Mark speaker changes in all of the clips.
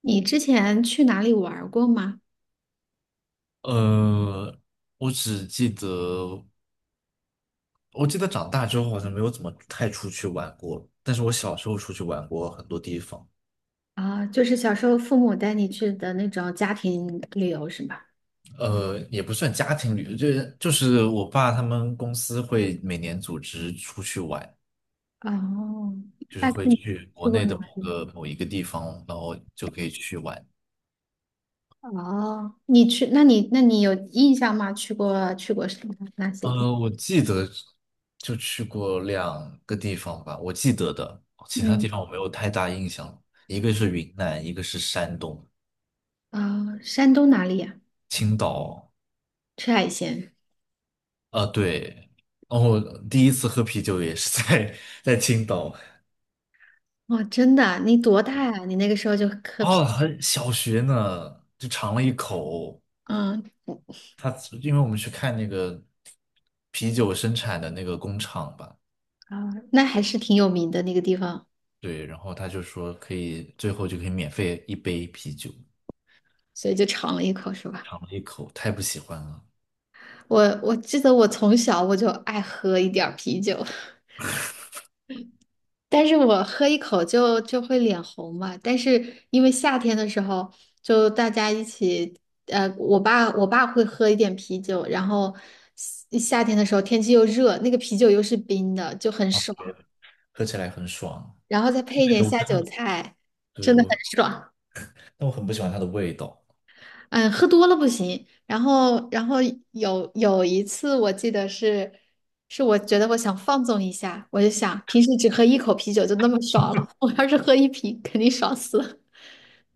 Speaker 1: 你之前去哪里玩儿过吗？
Speaker 2: 呃，我只记得，我记得长大之后好像没有怎么太出去玩过，但是我小时候出去玩过很多地方。
Speaker 1: 啊，就是小时候父母带你去的那种家庭旅游是吧？
Speaker 2: 也不算家庭旅游，就是我爸他们公司会每年组织出去玩，
Speaker 1: 哦，
Speaker 2: 就是
Speaker 1: 大概
Speaker 2: 会
Speaker 1: 你
Speaker 2: 去
Speaker 1: 去
Speaker 2: 国
Speaker 1: 过
Speaker 2: 内
Speaker 1: 哪
Speaker 2: 的
Speaker 1: 里？
Speaker 2: 某一个地方，然后就可以去玩。
Speaker 1: 哦，你去，那你有印象吗？去过什么哪些地
Speaker 2: 我记得就去过2个地方吧，我记得的，
Speaker 1: 方
Speaker 2: 其他地
Speaker 1: 嗯，
Speaker 2: 方我没有太大印象，一个是云南，一个是山东，
Speaker 1: 啊，哦山东哪里呀、
Speaker 2: 青岛。
Speaker 1: 吃海鲜
Speaker 2: 啊对，然后第一次喝啤酒也是在 在青岛。
Speaker 1: 哦，真的啊，你多大呀、你那个时候就喝啤，
Speaker 2: 哦，很小学呢，就尝了一口。
Speaker 1: 嗯，
Speaker 2: 他因为我们去看那个啤酒生产的那个工厂吧，
Speaker 1: 啊，那还是挺有名的那个地方，
Speaker 2: 对，然后他就说可以，最后就可以免费1杯啤酒，
Speaker 1: 所以就尝了一口，是吧？
Speaker 2: 尝了一口，太不喜欢了。
Speaker 1: 我记得我从小我就爱喝一点儿啤酒，但是我喝一口就会脸红嘛。但是因为夏天的时候，就大家一起，我爸会喝一点啤酒，然后夏天的时候天气又热，那个啤酒又是冰的，就很
Speaker 2: 啊，
Speaker 1: 爽，
Speaker 2: 对，喝起来很爽。
Speaker 1: 然后再配一点
Speaker 2: 对，
Speaker 1: 下酒菜，真的
Speaker 2: 我，
Speaker 1: 很爽。
Speaker 2: 但我很不喜欢它的味道。
Speaker 1: 嗯，喝多了不行。然后有一次我记得是。是我觉得我想放纵一下，我就想平时只喝一口啤酒就那么爽了，我要是喝一瓶肯定爽死了。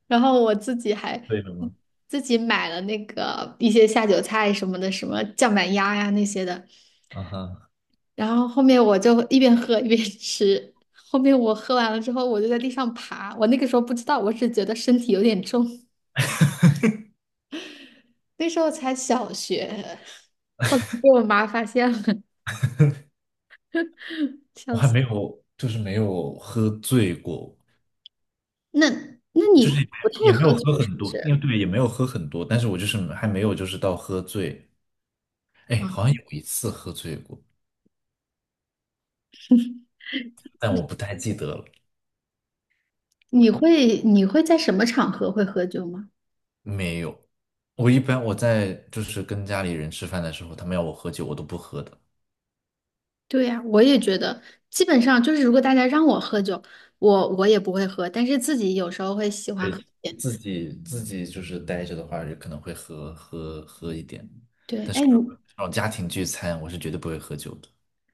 Speaker 1: 然后我自己还
Speaker 2: 为什么？
Speaker 1: 自己买了那个一些下酒菜什么的，什么酱板鸭呀那些的。
Speaker 2: 啊哈，
Speaker 1: 然后后面我就一边喝一边吃。后面我喝完了之后，我就在地上爬。我那个时候不知道，我只觉得身体有点重。那时候才小学，后来被我妈发现了，
Speaker 2: 我
Speaker 1: 笑
Speaker 2: 还
Speaker 1: 死。
Speaker 2: 没有，就是没有喝醉过。
Speaker 1: 那那
Speaker 2: 就
Speaker 1: 你
Speaker 2: 是也
Speaker 1: 不太
Speaker 2: 也没
Speaker 1: 喝
Speaker 2: 有
Speaker 1: 酒
Speaker 2: 喝
Speaker 1: 是
Speaker 2: 很
Speaker 1: 不
Speaker 2: 多，因为
Speaker 1: 是？
Speaker 2: 对，也没有喝很多，但是我就是还没有就是到喝醉。哎，
Speaker 1: 啊，
Speaker 2: 好像有一次喝醉过，但我不太记得了。
Speaker 1: 你会在什么场合会喝酒吗？
Speaker 2: 没有，我一般我在就是跟家里人吃饭的时候，他们要我喝酒，我都不喝的。
Speaker 1: 对呀，我也觉得，基本上就是如果大家让我喝酒，我也不会喝，但是自己有时候会喜欢喝一
Speaker 2: 对，
Speaker 1: 点。
Speaker 2: 自己就是待着的话，就可能会喝一点，
Speaker 1: 对，
Speaker 2: 但是
Speaker 1: 哎
Speaker 2: 这
Speaker 1: 你
Speaker 2: 种家庭聚餐，我是绝对不会喝酒的。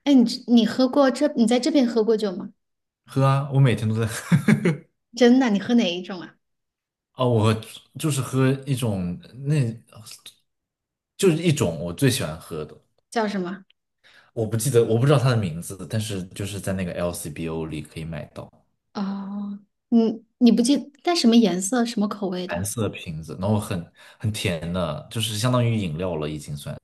Speaker 1: 哎你你喝过这你在这边喝过酒吗？
Speaker 2: 喝啊，我每天都在喝。
Speaker 1: 真的，你喝哪一种啊？
Speaker 2: 哦，我就是喝一种那，就是一种我最喜欢喝的。
Speaker 1: 叫什么？
Speaker 2: 我不记得，我不知道它的名字，但是就是在那个 LCBO 里可以买到
Speaker 1: 哦，你你不记带什么颜色、什么口味
Speaker 2: 蓝
Speaker 1: 的？
Speaker 2: 色瓶子，然后很甜的，就是相当于饮料了已经算。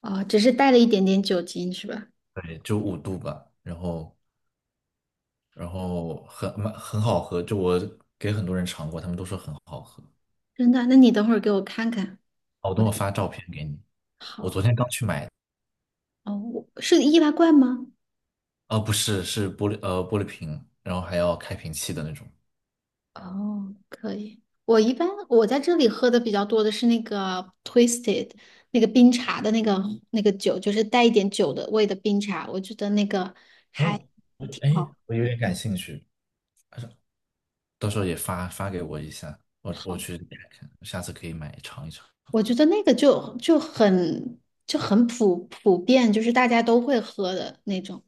Speaker 1: 哦，只是带了一点点酒精是吧？
Speaker 2: 对，就5度吧，然后很好喝，就我给很多人尝过，他们都说很好喝。
Speaker 1: 真的，那你等会儿给我看看。
Speaker 2: 好，我
Speaker 1: 我
Speaker 2: 等我发照片给你，我
Speaker 1: 好，
Speaker 2: 昨天刚去买的。
Speaker 1: 哦，我是易拉罐吗？
Speaker 2: 哦，不是，是玻璃瓶，然后还要开瓶器的那种。
Speaker 1: 哦，可以。我一般在这里喝的比较多的是那个 Twisted，那个冰茶的那个酒，就是带一点酒的味的冰茶，我觉得那个还
Speaker 2: 哦，
Speaker 1: 挺好。
Speaker 2: 我有点感兴趣，到时候也发给我一下，我
Speaker 1: 好，
Speaker 2: 去看看，下次可以买尝一尝。
Speaker 1: 我觉得那个就很就很普遍，就是大家都会喝的那种，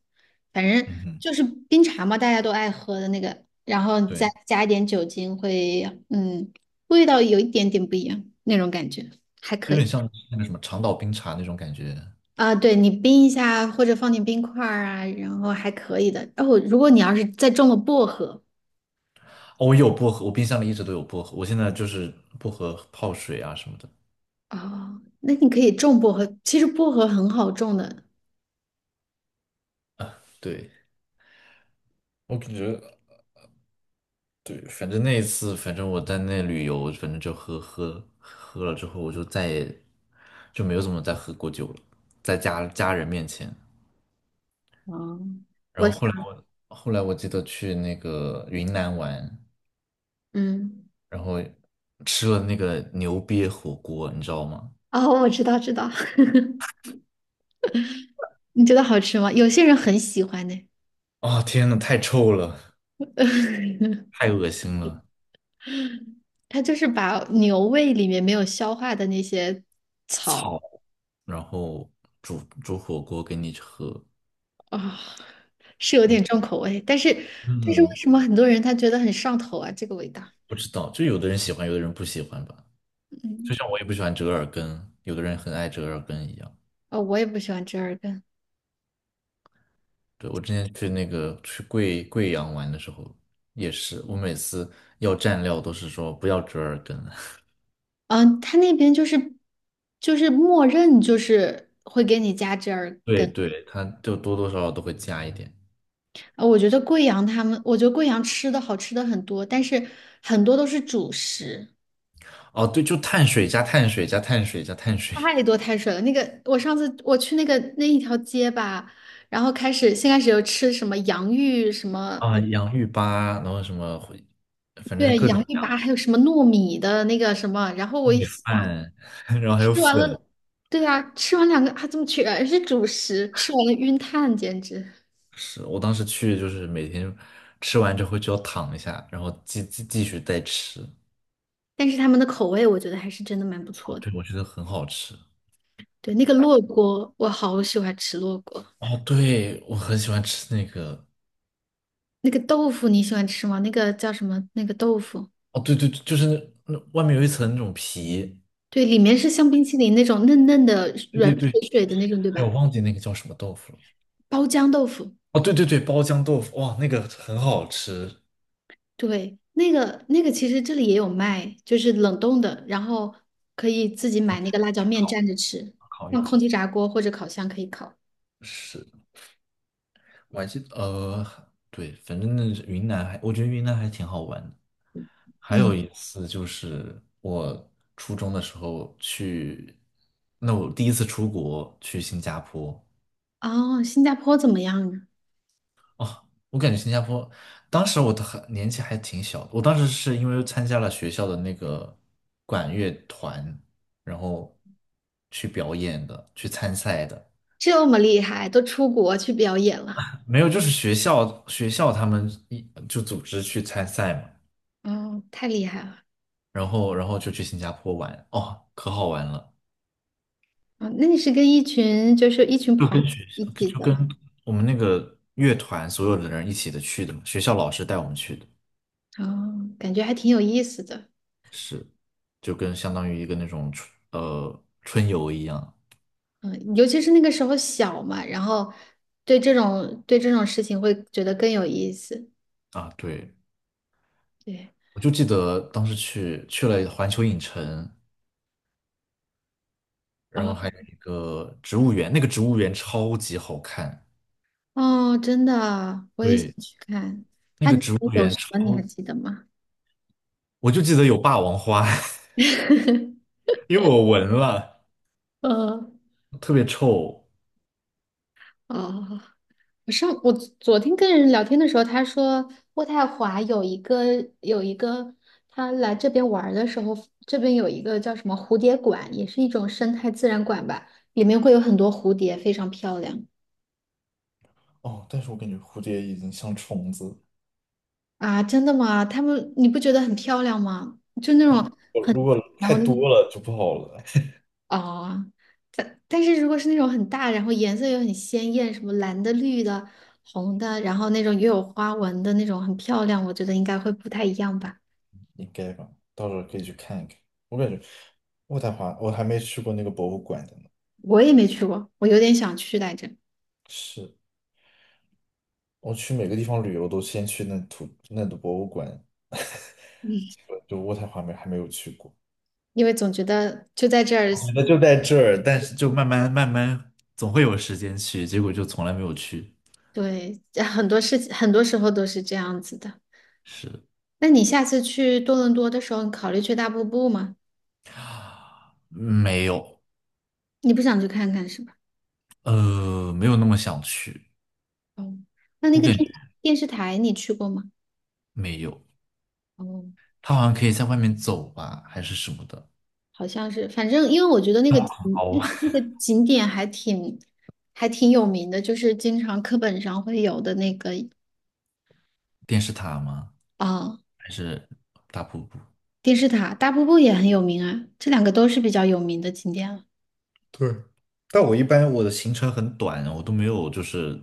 Speaker 1: 反正
Speaker 2: 嗯哼，
Speaker 1: 就是冰茶嘛，大家都爱喝的那个，然后再
Speaker 2: 对，
Speaker 1: 加一点酒精会，嗯，味道有一点点不一样那种感觉，还
Speaker 2: 就
Speaker 1: 可
Speaker 2: 有点
Speaker 1: 以。
Speaker 2: 像那个什么长岛冰茶那种感觉。
Speaker 1: 啊，对，你冰一下或者放点冰块儿啊，然后还可以的。哦，如果你要是再种了薄荷，
Speaker 2: 哦，我有薄荷，我冰箱里一直都有薄荷，我现在就是薄荷泡水啊什么的。
Speaker 1: 哦，那你可以种薄荷。其实薄荷很好种的。
Speaker 2: 对，我感觉，对，反正那一次，反正我在那旅游，反正就喝了之后，我就再也就没有怎么再喝过酒了，在家家人面前。
Speaker 1: 哦，
Speaker 2: 然
Speaker 1: 我
Speaker 2: 后
Speaker 1: 想
Speaker 2: 后来我记得去那个云南玩，
Speaker 1: 嗯，
Speaker 2: 然后吃了那个牛瘪火锅，你知道吗？
Speaker 1: 哦，我知道，知道。你觉得好吃吗？有些人很喜欢呢。
Speaker 2: 啊天呐，太臭了，太恶心了。
Speaker 1: 他就是把牛胃里面没有消化的那些草
Speaker 2: 草，然后煮火锅给你喝。
Speaker 1: 啊，是有
Speaker 2: 我
Speaker 1: 点重口味。但是，但是为
Speaker 2: 嗯，
Speaker 1: 什么很多人他觉得很上头啊？这个味道，
Speaker 2: 不知道，就有的人喜欢，有的人不喜欢吧。就
Speaker 1: 嗯，
Speaker 2: 像我也不喜欢折耳根，有的人很爱折耳根一样。
Speaker 1: 哦，我也不喜欢折耳根。
Speaker 2: 对，我之前去那个去贵阳玩的时候也是，我每次要蘸料都是说不要折耳根。
Speaker 1: 嗯，他那边就是默认就是会给你加折耳
Speaker 2: 对
Speaker 1: 根。
Speaker 2: 对，它就多多少少都会加一点。
Speaker 1: 啊我觉得贵阳他们，我觉得贵阳吃的好吃的很多，但是很多都是主食，
Speaker 2: 哦，对，就碳水加碳水加碳水加碳水。
Speaker 1: 太多碳水了。那个我上次我去那个那一条街吧，然后先开始有吃什么洋芋什么，
Speaker 2: 啊，洋芋粑，然后什么回反正是
Speaker 1: 对，
Speaker 2: 各种
Speaker 1: 洋芋
Speaker 2: 各
Speaker 1: 粑，
Speaker 2: 样
Speaker 1: 还有什么糯米的那个什么，然后我
Speaker 2: 糯
Speaker 1: 一
Speaker 2: 米
Speaker 1: 想，
Speaker 2: 饭，然后还有
Speaker 1: 吃完
Speaker 2: 粉。
Speaker 1: 了，对呀、吃完两个还怎么全是主食，吃完了晕碳，简直。
Speaker 2: 是我当时去就是每天吃完之后就要躺一下，然后继续再吃。
Speaker 1: 但是他们的口味我觉得还是真的蛮不
Speaker 2: 啊，
Speaker 1: 错的。
Speaker 2: 对，我觉得很好吃。
Speaker 1: 对，那个烙锅我好喜欢吃烙锅。
Speaker 2: 哦，对，我很喜欢吃那个。
Speaker 1: 那个豆腐你喜欢吃吗？那个叫什么？那个豆腐，
Speaker 2: 哦，对就是那外面有一层那种皮。
Speaker 1: 对，里面是像冰淇淋那种嫩嫩的、
Speaker 2: 对
Speaker 1: 软
Speaker 2: 对
Speaker 1: 水
Speaker 2: 对，
Speaker 1: 水的那种，对
Speaker 2: 哎，我
Speaker 1: 吧？
Speaker 2: 忘记那个叫什么豆腐了。
Speaker 1: 包浆豆腐，
Speaker 2: 哦，对对对，包浆豆腐，哇，那个很好吃。
Speaker 1: 对，那个其实这里也有卖，就是冷冻的，然后可以自己买那个辣椒面蘸着吃，用空气炸锅或者烤箱可以烤。
Speaker 2: 是，我还记得，对，反正云南还，我觉得云南还挺好玩的。还
Speaker 1: 嗯，
Speaker 2: 有一次就是我初中的时候去，那我第一次出国去新加坡。
Speaker 1: 哦，新加坡怎么样啊？
Speaker 2: 哦，我感觉新加坡当时我的很年纪还挺小的，我当时是因为参加了学校的那个管乐团，然后去表演的，去参赛的。
Speaker 1: 这么厉害，都出国去表演了。
Speaker 2: 没有，就是学校他们就组织去参赛嘛，
Speaker 1: 哦，太厉害了。
Speaker 2: 然后就去新加坡玩。哦，可好玩了，
Speaker 1: 哦，那你是跟一群就是一群
Speaker 2: 就
Speaker 1: 朋友
Speaker 2: 跟学
Speaker 1: 一
Speaker 2: 校就
Speaker 1: 起的吗？
Speaker 2: 我们那个乐团所有的人一起的去的嘛，学校老师带我们去的。
Speaker 1: 哦，感觉还挺有意思的。
Speaker 2: 是，就跟相当于一个那种春游一样。
Speaker 1: 嗯，尤其是那个时候小嘛，然后对这种事情会觉得更有意思。
Speaker 2: 啊，对，
Speaker 1: 对，
Speaker 2: 我就记得当时去了环球影城，然后
Speaker 1: 哦
Speaker 2: 还有一个植物园，那个植物园超级好看。
Speaker 1: 哦，真的啊，我也想
Speaker 2: 对，
Speaker 1: 去看。
Speaker 2: 那
Speaker 1: 他
Speaker 2: 个植物
Speaker 1: 有
Speaker 2: 园
Speaker 1: 什么你还
Speaker 2: 超，
Speaker 1: 记得吗？
Speaker 2: 我就记得有霸王花。因为我闻了，
Speaker 1: 嗯，
Speaker 2: 特别臭。
Speaker 1: 哦。我上我昨天跟人聊天的时候，他说渥太华有一个，他来这边玩儿的时候，这边有一个叫什么蝴蝶馆，也是一种生态自然馆吧，里面会有很多蝴蝶，非常漂亮
Speaker 2: 哦，但是我感觉蝴蝶已经像虫子，
Speaker 1: 啊！真的吗？他们你不觉得很漂亮吗？就那种，
Speaker 2: 我如果
Speaker 1: 然
Speaker 2: 太
Speaker 1: 后那个
Speaker 2: 多了就不好了。
Speaker 1: 啊，但但是如果是那种很大，然后颜色又很鲜艳，什么蓝的、绿的、红的，然后那种又有花纹的那种，很漂亮，我觉得应该会不太一样吧。
Speaker 2: 应该吧？到时候可以去看一看。我感觉渥太华，我还没去过那个博物馆的呢。
Speaker 1: 我也没去过，我有点想去来着，
Speaker 2: 是，我去每个地方旅游都先去那的博物馆，
Speaker 1: 嗯，
Speaker 2: 结果就渥太华没还没有去过。
Speaker 1: 因为总觉得就在这儿，
Speaker 2: 我觉得就在这儿，但是就慢慢，总会有时间去，结果就从来没有去。
Speaker 1: 对，很多事情很多时候都是这样子的。
Speaker 2: 是，
Speaker 1: 那你下次去多伦多的时候，你考虑去大瀑布吗？
Speaker 2: 没有，
Speaker 1: 你不想去看看是吧？
Speaker 2: 没有那么想去。
Speaker 1: 哦，那那
Speaker 2: 我
Speaker 1: 个
Speaker 2: 感觉
Speaker 1: 电电视台你去过吗？
Speaker 2: 没有，
Speaker 1: 哦，
Speaker 2: 他好像可以在外面走吧，还是什么的。
Speaker 1: 好像是，反正因为我觉得那个景那
Speaker 2: 哦，
Speaker 1: 个那个景点还挺有名的，就是经常课本上会有的那个
Speaker 2: 电视塔吗？
Speaker 1: 啊、
Speaker 2: 还是大瀑布？
Speaker 1: 电视塔，大瀑布也很有名啊，这两个都是比较有名的景点了。
Speaker 2: 对，但我一般我的行程很短，我都没有就是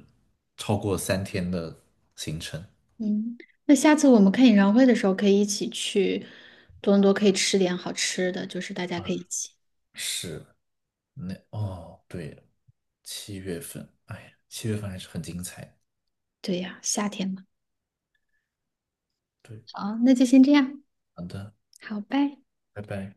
Speaker 2: 超过3天的行程。
Speaker 1: 嗯，那下次我们看演唱会的时候，可以一起去多伦多，可以吃点好吃的，就是大家可以一起。
Speaker 2: 是，对，七月份，哎呀，七月份还是很精彩。
Speaker 1: 对呀，夏天嘛。
Speaker 2: 对，
Speaker 1: 好，那就先这样，
Speaker 2: 好的，
Speaker 1: 好，拜。
Speaker 2: 拜拜。